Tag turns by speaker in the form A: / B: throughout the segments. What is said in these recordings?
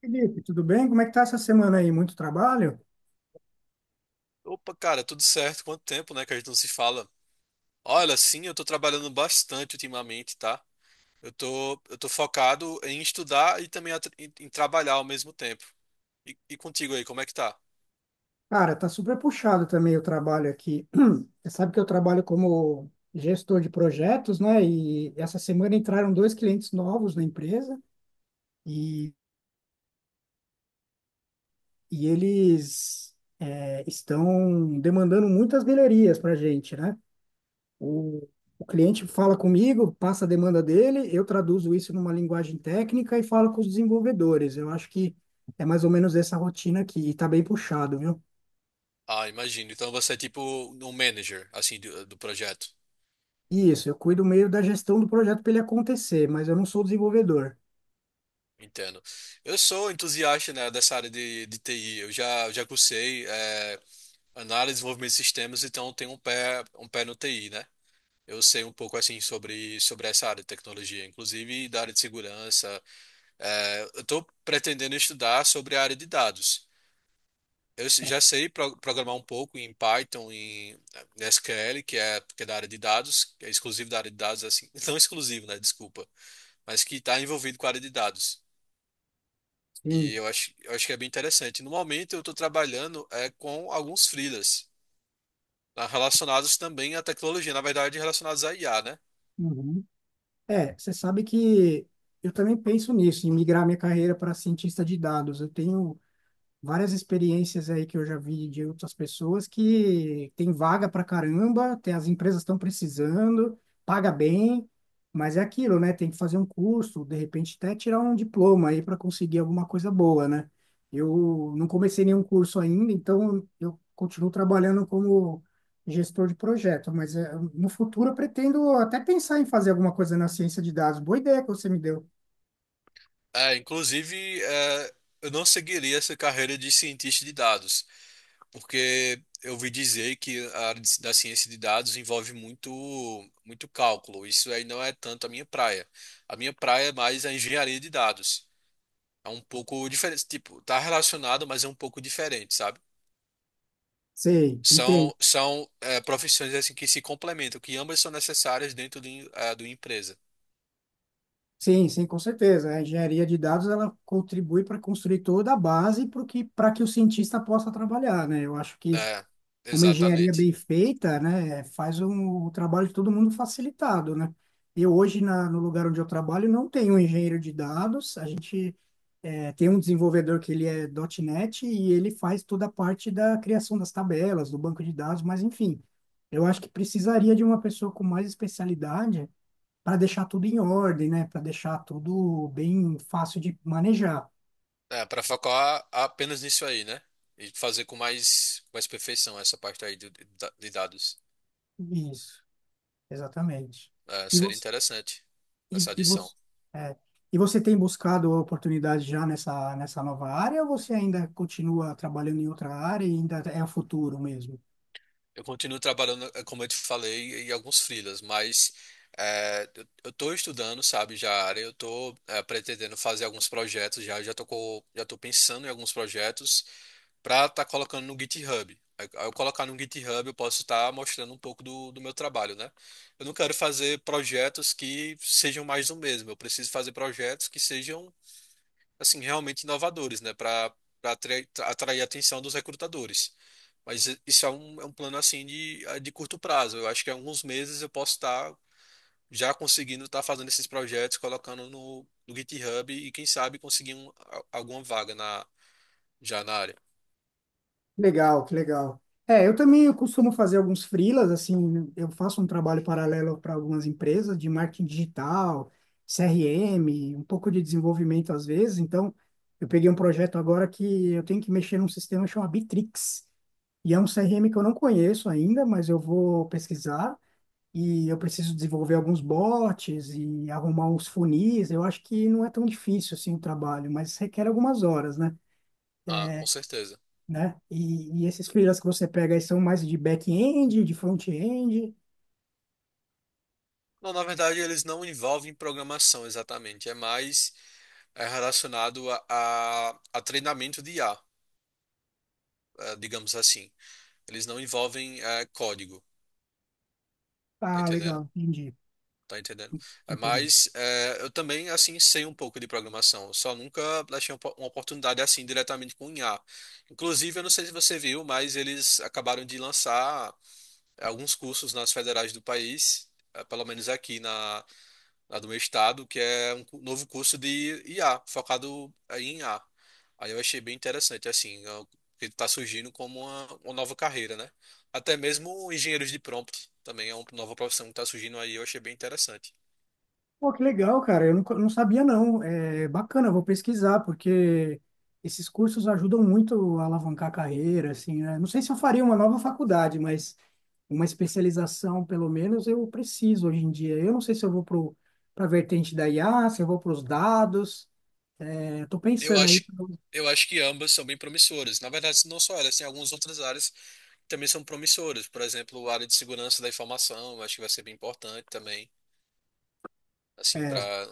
A: Felipe, tudo bem? Como é que tá essa semana aí? Muito trabalho?
B: Opa, cara, tudo certo? Quanto tempo, né, que a gente não se fala? Olha, sim, eu tô trabalhando bastante ultimamente, tá? Eu tô focado em estudar e também em trabalhar ao mesmo tempo. E contigo aí, como é que tá?
A: Cara, tá super puxado também o trabalho aqui. Você sabe que eu trabalho como gestor de projetos, né? E essa semana entraram dois clientes novos na empresa e eles estão demandando muitas galerias para a gente, né? O, o cliente fala comigo, passa a demanda dele, eu traduzo isso numa linguagem técnica e falo com os desenvolvedores. Eu acho que é mais ou menos essa rotina aqui e tá bem puxado, viu?
B: Ah, imagino. Então você é tipo um manager, assim, do projeto.
A: Isso, eu cuido meio da gestão do projeto para ele acontecer, mas eu não sou desenvolvedor.
B: Entendo. Eu sou entusiasta, né, dessa área de TI. Eu já cursei, análise, desenvolvimento de sistemas, então tem um pé no TI, né? Eu sei um pouco assim sobre essa área de tecnologia, inclusive da área de segurança. É, eu estou pretendendo estudar sobre a área de dados. Eu se- já sei programar um pouco em Python, em SQL, que é da área de dados, que é exclusivo da área de dados, assim, não exclusivo, né? Desculpa, mas que está envolvido com a área de dados. E
A: Sim.
B: eu acho, eu acho que é bem interessante. No momento eu estou trabalhando com alguns freelas, ah, relacionados também à tecnologia, na verdade, relacionados à IA, né?
A: Uhum. É, você sabe que eu também penso nisso, em migrar minha carreira para cientista de dados. Eu tenho várias experiências aí que eu já vi de outras pessoas que tem vaga pra caramba, tem, as empresas estão precisando, paga bem, mas é aquilo, né? Tem que fazer um curso, de repente até tirar um diploma aí para conseguir alguma coisa boa, né? Eu não comecei nenhum curso ainda, então eu continuo trabalhando como gestor de projeto, mas no futuro eu pretendo até pensar em fazer alguma coisa na ciência de dados. Boa ideia que você me deu.
B: É, inclusive, eu não seguiria essa carreira de cientista de dados, porque eu ouvi dizer que a da ciência de dados envolve muito cálculo. Isso aí não é tanto a minha praia. A minha praia é mais a engenharia de dados. É um pouco diferente, tipo, tá relacionado, mas é um pouco diferente, sabe?
A: Sei, entendo.
B: São profissões assim que se complementam, que ambas são necessárias dentro do empresa.
A: Sim, sim, com certeza. A engenharia de dados ela contribui para construir toda a base para que o cientista possa trabalhar, né? Eu acho que
B: É,
A: uma engenharia
B: exatamente.
A: bem feita, né, faz o trabalho de todo mundo facilitado, né? Eu hoje, no lugar onde eu trabalho, não tenho um engenheiro de dados. A gente tem um desenvolvedor que ele é ponto .NET e ele faz toda a parte da criação das tabelas, do banco de dados, mas enfim, eu acho que precisaria de uma pessoa com mais especialidade para deixar tudo em ordem, né? Para deixar tudo bem fácil de manejar.
B: É, para focar apenas nisso aí, né? E fazer com mais perfeição essa parte aí de dados.
A: Isso, exatamente.
B: É,
A: E
B: seria
A: você,
B: interessante
A: e,
B: essa
A: e
B: adição.
A: você, é, e você tem buscado oportunidade já nessa nova área ou você ainda continua trabalhando em outra área e ainda é o futuro mesmo?
B: Eu continuo trabalhando, como eu te falei, em alguns freelas, mas eu tô estudando, sabe, já a área, eu tô pretendendo fazer alguns projetos já tô pensando em alguns projetos para estar colocando no GitHub. Aí, ao eu colocar no GitHub, eu posso estar mostrando um pouco do meu trabalho, né? Eu não quero fazer projetos que sejam mais do mesmo, eu preciso fazer projetos que sejam assim, realmente inovadores, né, para atrair a atenção dos recrutadores. Mas isso é é um plano assim de curto prazo. Eu acho que em alguns meses eu posso estar já conseguindo estar fazendo esses projetos, colocando no GitHub e quem sabe conseguir alguma vaga na, já na área.
A: Legal, que legal. É, eu costumo fazer alguns freelas, assim, eu faço um trabalho paralelo para algumas empresas de marketing digital, CRM, um pouco de desenvolvimento às vezes. Então, eu peguei um projeto agora que eu tenho que mexer num sistema chamado Bitrix. E é um CRM que eu não conheço ainda, mas eu vou pesquisar e eu preciso desenvolver alguns bots e arrumar uns funis. Eu acho que não é tão difícil assim o trabalho, mas requer algumas horas, né?
B: Ah, com certeza.
A: Né? E esses freelas que você pega aí são mais de back-end, de front-end.
B: Não, na verdade eles não envolvem programação exatamente, é mais relacionado a treinamento de IA, digamos assim. Eles não envolvem código, tá
A: Ah, legal,
B: entendendo? Tá entendendo? É,
A: entendi.
B: mas é, eu também, assim, sei um pouco de programação. Eu só nunca achei uma oportunidade assim diretamente com IA. Inclusive, eu não sei se você viu, mas eles acabaram de lançar alguns cursos nas federais do país, é, pelo menos aqui na, na do meu estado, que é novo curso de IA, focado em IA. Aí eu achei bem interessante, assim, é, o que está surgindo como uma nova carreira, né? Até mesmo engenheiros de prompt também é uma nova profissão que está surgindo aí, eu achei bem interessante.
A: Pô, que legal, cara. Eu não, não sabia, não. É bacana, eu vou pesquisar, porque esses cursos ajudam muito a alavancar a carreira, assim, né? Não sei se eu faria uma nova faculdade, mas uma especialização, pelo menos, eu preciso hoje em dia. Eu não sei se eu para a vertente da IA, se eu vou para os dados. É, eu tô
B: Eu
A: pensando aí.
B: acho, eu acho que ambas são bem promissoras. Na verdade, não só elas, tem algumas outras áreas que também são promissoras. Por exemplo, a área de segurança da informação, eu acho que vai ser bem importante também. Assim, para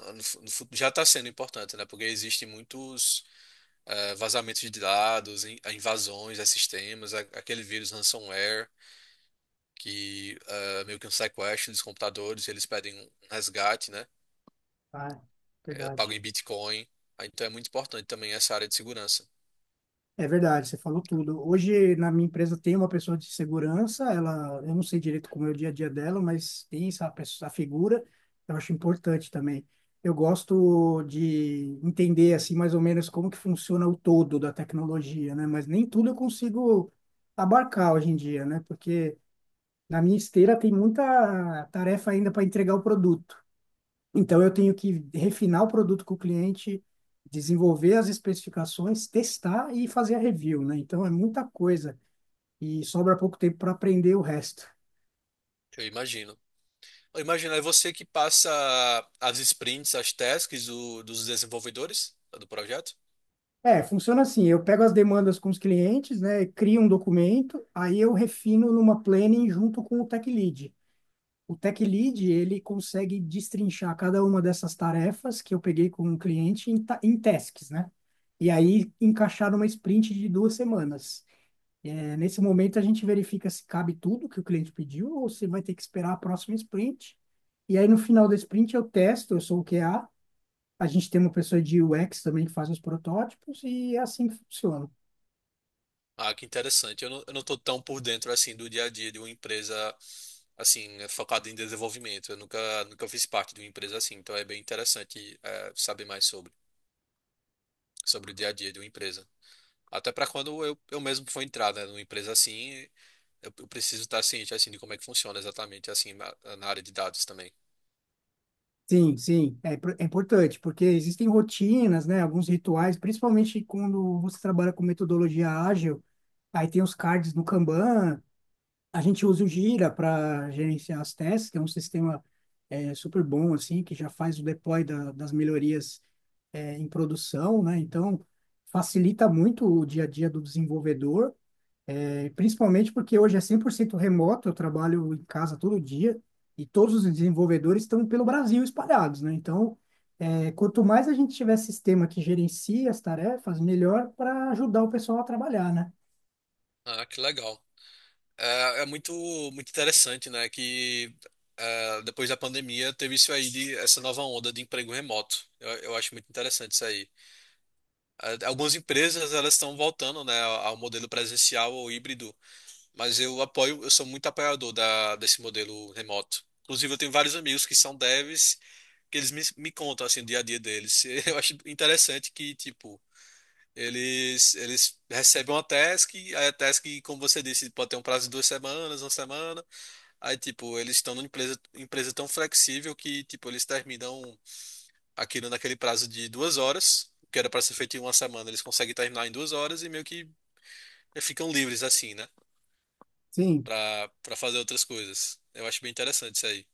B: já está sendo importante, né? Porque existem muitos vazamentos de dados, invasões a sistemas, aquele vírus ransomware que meio que um sequestro dos computadores, eles pedem um resgate, né?
A: Ah,
B: É pago
A: verdade.
B: em Bitcoin. Ah, então é muito importante também essa área de segurança.
A: É verdade, você falou tudo. Hoje, na minha empresa, tem uma pessoa de segurança, ela, eu não sei direito como é o dia a dia dela, mas tem essa pessoa, essa figura, eu acho importante também. Eu gosto de entender, assim, mais ou menos como que funciona o todo da tecnologia, né? Mas nem tudo eu consigo abarcar hoje em dia, né? Porque na minha esteira tem muita tarefa ainda para entregar o produto. Então, eu tenho que refinar o produto com o cliente, desenvolver as especificações, testar e fazer a review, né? Então, é muita coisa e sobra pouco tempo para aprender o resto.
B: Eu imagino. Eu imagino, é você que passa as sprints, as tasks dos desenvolvedores do projeto?
A: É, funciona assim, eu pego as demandas com os clientes, né, crio um documento, aí eu refino numa planning junto com o Tech Lead. O Tech Lead, ele consegue destrinchar cada uma dessas tarefas que eu peguei com o cliente em tasks, né? E aí encaixar numa sprint de duas semanas. É, nesse momento, a gente verifica se cabe tudo que o cliente pediu ou se vai ter que esperar a próxima sprint. E aí, no final da sprint, eu testo, eu sou o QA. A gente tem uma pessoa de UX também que faz os protótipos e é assim que funciona.
B: Ah, que interessante. Eu não tô tão por dentro assim do dia a dia de uma empresa assim é focada em desenvolvimento. Eu nunca fiz parte de uma empresa assim, então é bem interessante saber mais sobre o dia a dia de uma empresa. Até para quando eu mesmo for entrar, né, numa empresa assim, eu preciso estar ciente assim de como é que funciona exatamente assim na, na área de dados também.
A: Sim, sim, é importante, porque existem rotinas, né, alguns rituais, principalmente quando você trabalha com metodologia ágil, aí tem os cards no Kanban, a gente usa o Jira para gerenciar as testes, que é um sistema super bom, assim, que já faz o deploy das melhorias em produção, né? Então, facilita muito o dia a dia do desenvolvedor, principalmente porque hoje é 100% remoto, eu trabalho em casa todo dia e todos os desenvolvedores estão pelo Brasil espalhados, né? Então, quanto mais a gente tiver sistema que gerencie as tarefas, melhor para ajudar o pessoal a trabalhar, né?
B: Ah, que legal. É, é muito interessante, né, que depois da pandemia teve isso aí de essa nova onda de emprego remoto. Eu acho muito interessante isso aí. Algumas empresas elas estão voltando, né, ao modelo presencial ou híbrido, mas eu apoio, eu sou muito apoiador da, desse modelo remoto. Inclusive, eu tenho vários amigos que são devs, que eles me contam assim o dia a dia deles. Eu acho interessante que, tipo, eles recebem uma task, aí a task, como você disse, pode ter um prazo de duas semanas, uma semana. Aí, tipo, eles estão numa empresa, empresa tão flexível que, tipo, eles terminam aquilo naquele prazo de duas horas, o que era para ser feito em uma semana, eles conseguem terminar em duas horas e meio que ficam livres assim, né?
A: Sim,
B: Pra fazer outras coisas. Eu acho bem interessante isso aí.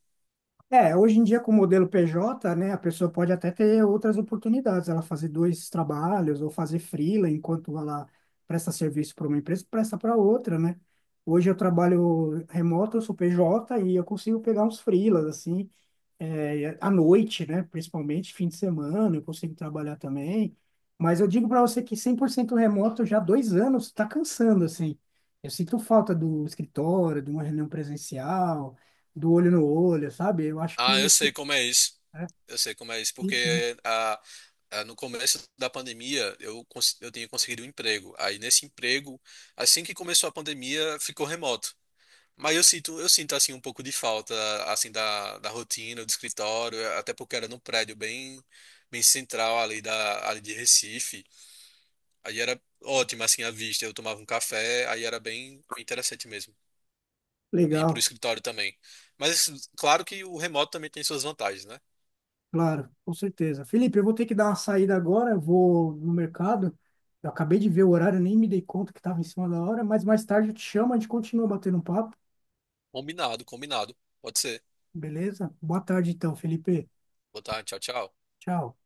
A: é, hoje em dia com o modelo PJ, né, a pessoa pode até ter outras oportunidades, ela fazer dois trabalhos ou fazer freela enquanto ela presta serviço para uma empresa, presta para outra, né? Hoje eu trabalho remoto, eu sou PJ e eu consigo pegar uns freelas assim, à noite, né? Principalmente fim de semana, eu consigo trabalhar também. Mas eu digo para você que 100% remoto já há dois anos está cansando, assim. Eu sinto falta do escritório, de uma reunião presencial, do olho no olho, sabe? Eu acho
B: Ah,
A: que
B: eu sei como é isso.
A: é
B: Eu sei como é isso,
A: isso, né?
B: porque no começo da pandemia eu tinha conseguido um emprego. Aí nesse emprego, assim que começou a pandemia, ficou remoto. Mas eu sinto assim um pouco de falta assim da rotina, do escritório, até porque era num prédio bem central ali de Recife. Aí era ótimo assim a vista, eu tomava um café, aí era bem interessante mesmo. E pro
A: Legal,
B: escritório também. Mas assim, claro que o remoto também tem suas vantagens, né?
A: claro, com certeza. Felipe, eu vou ter que dar uma saída agora, eu vou no mercado. Eu acabei de ver o horário, nem me dei conta que estava em cima da hora, mas mais tarde eu te chamo, a gente continua batendo um papo,
B: Combinado, combinado. Pode ser.
A: beleza? Boa tarde então, Felipe.
B: Boa tarde, tchau, tchau.
A: Tchau.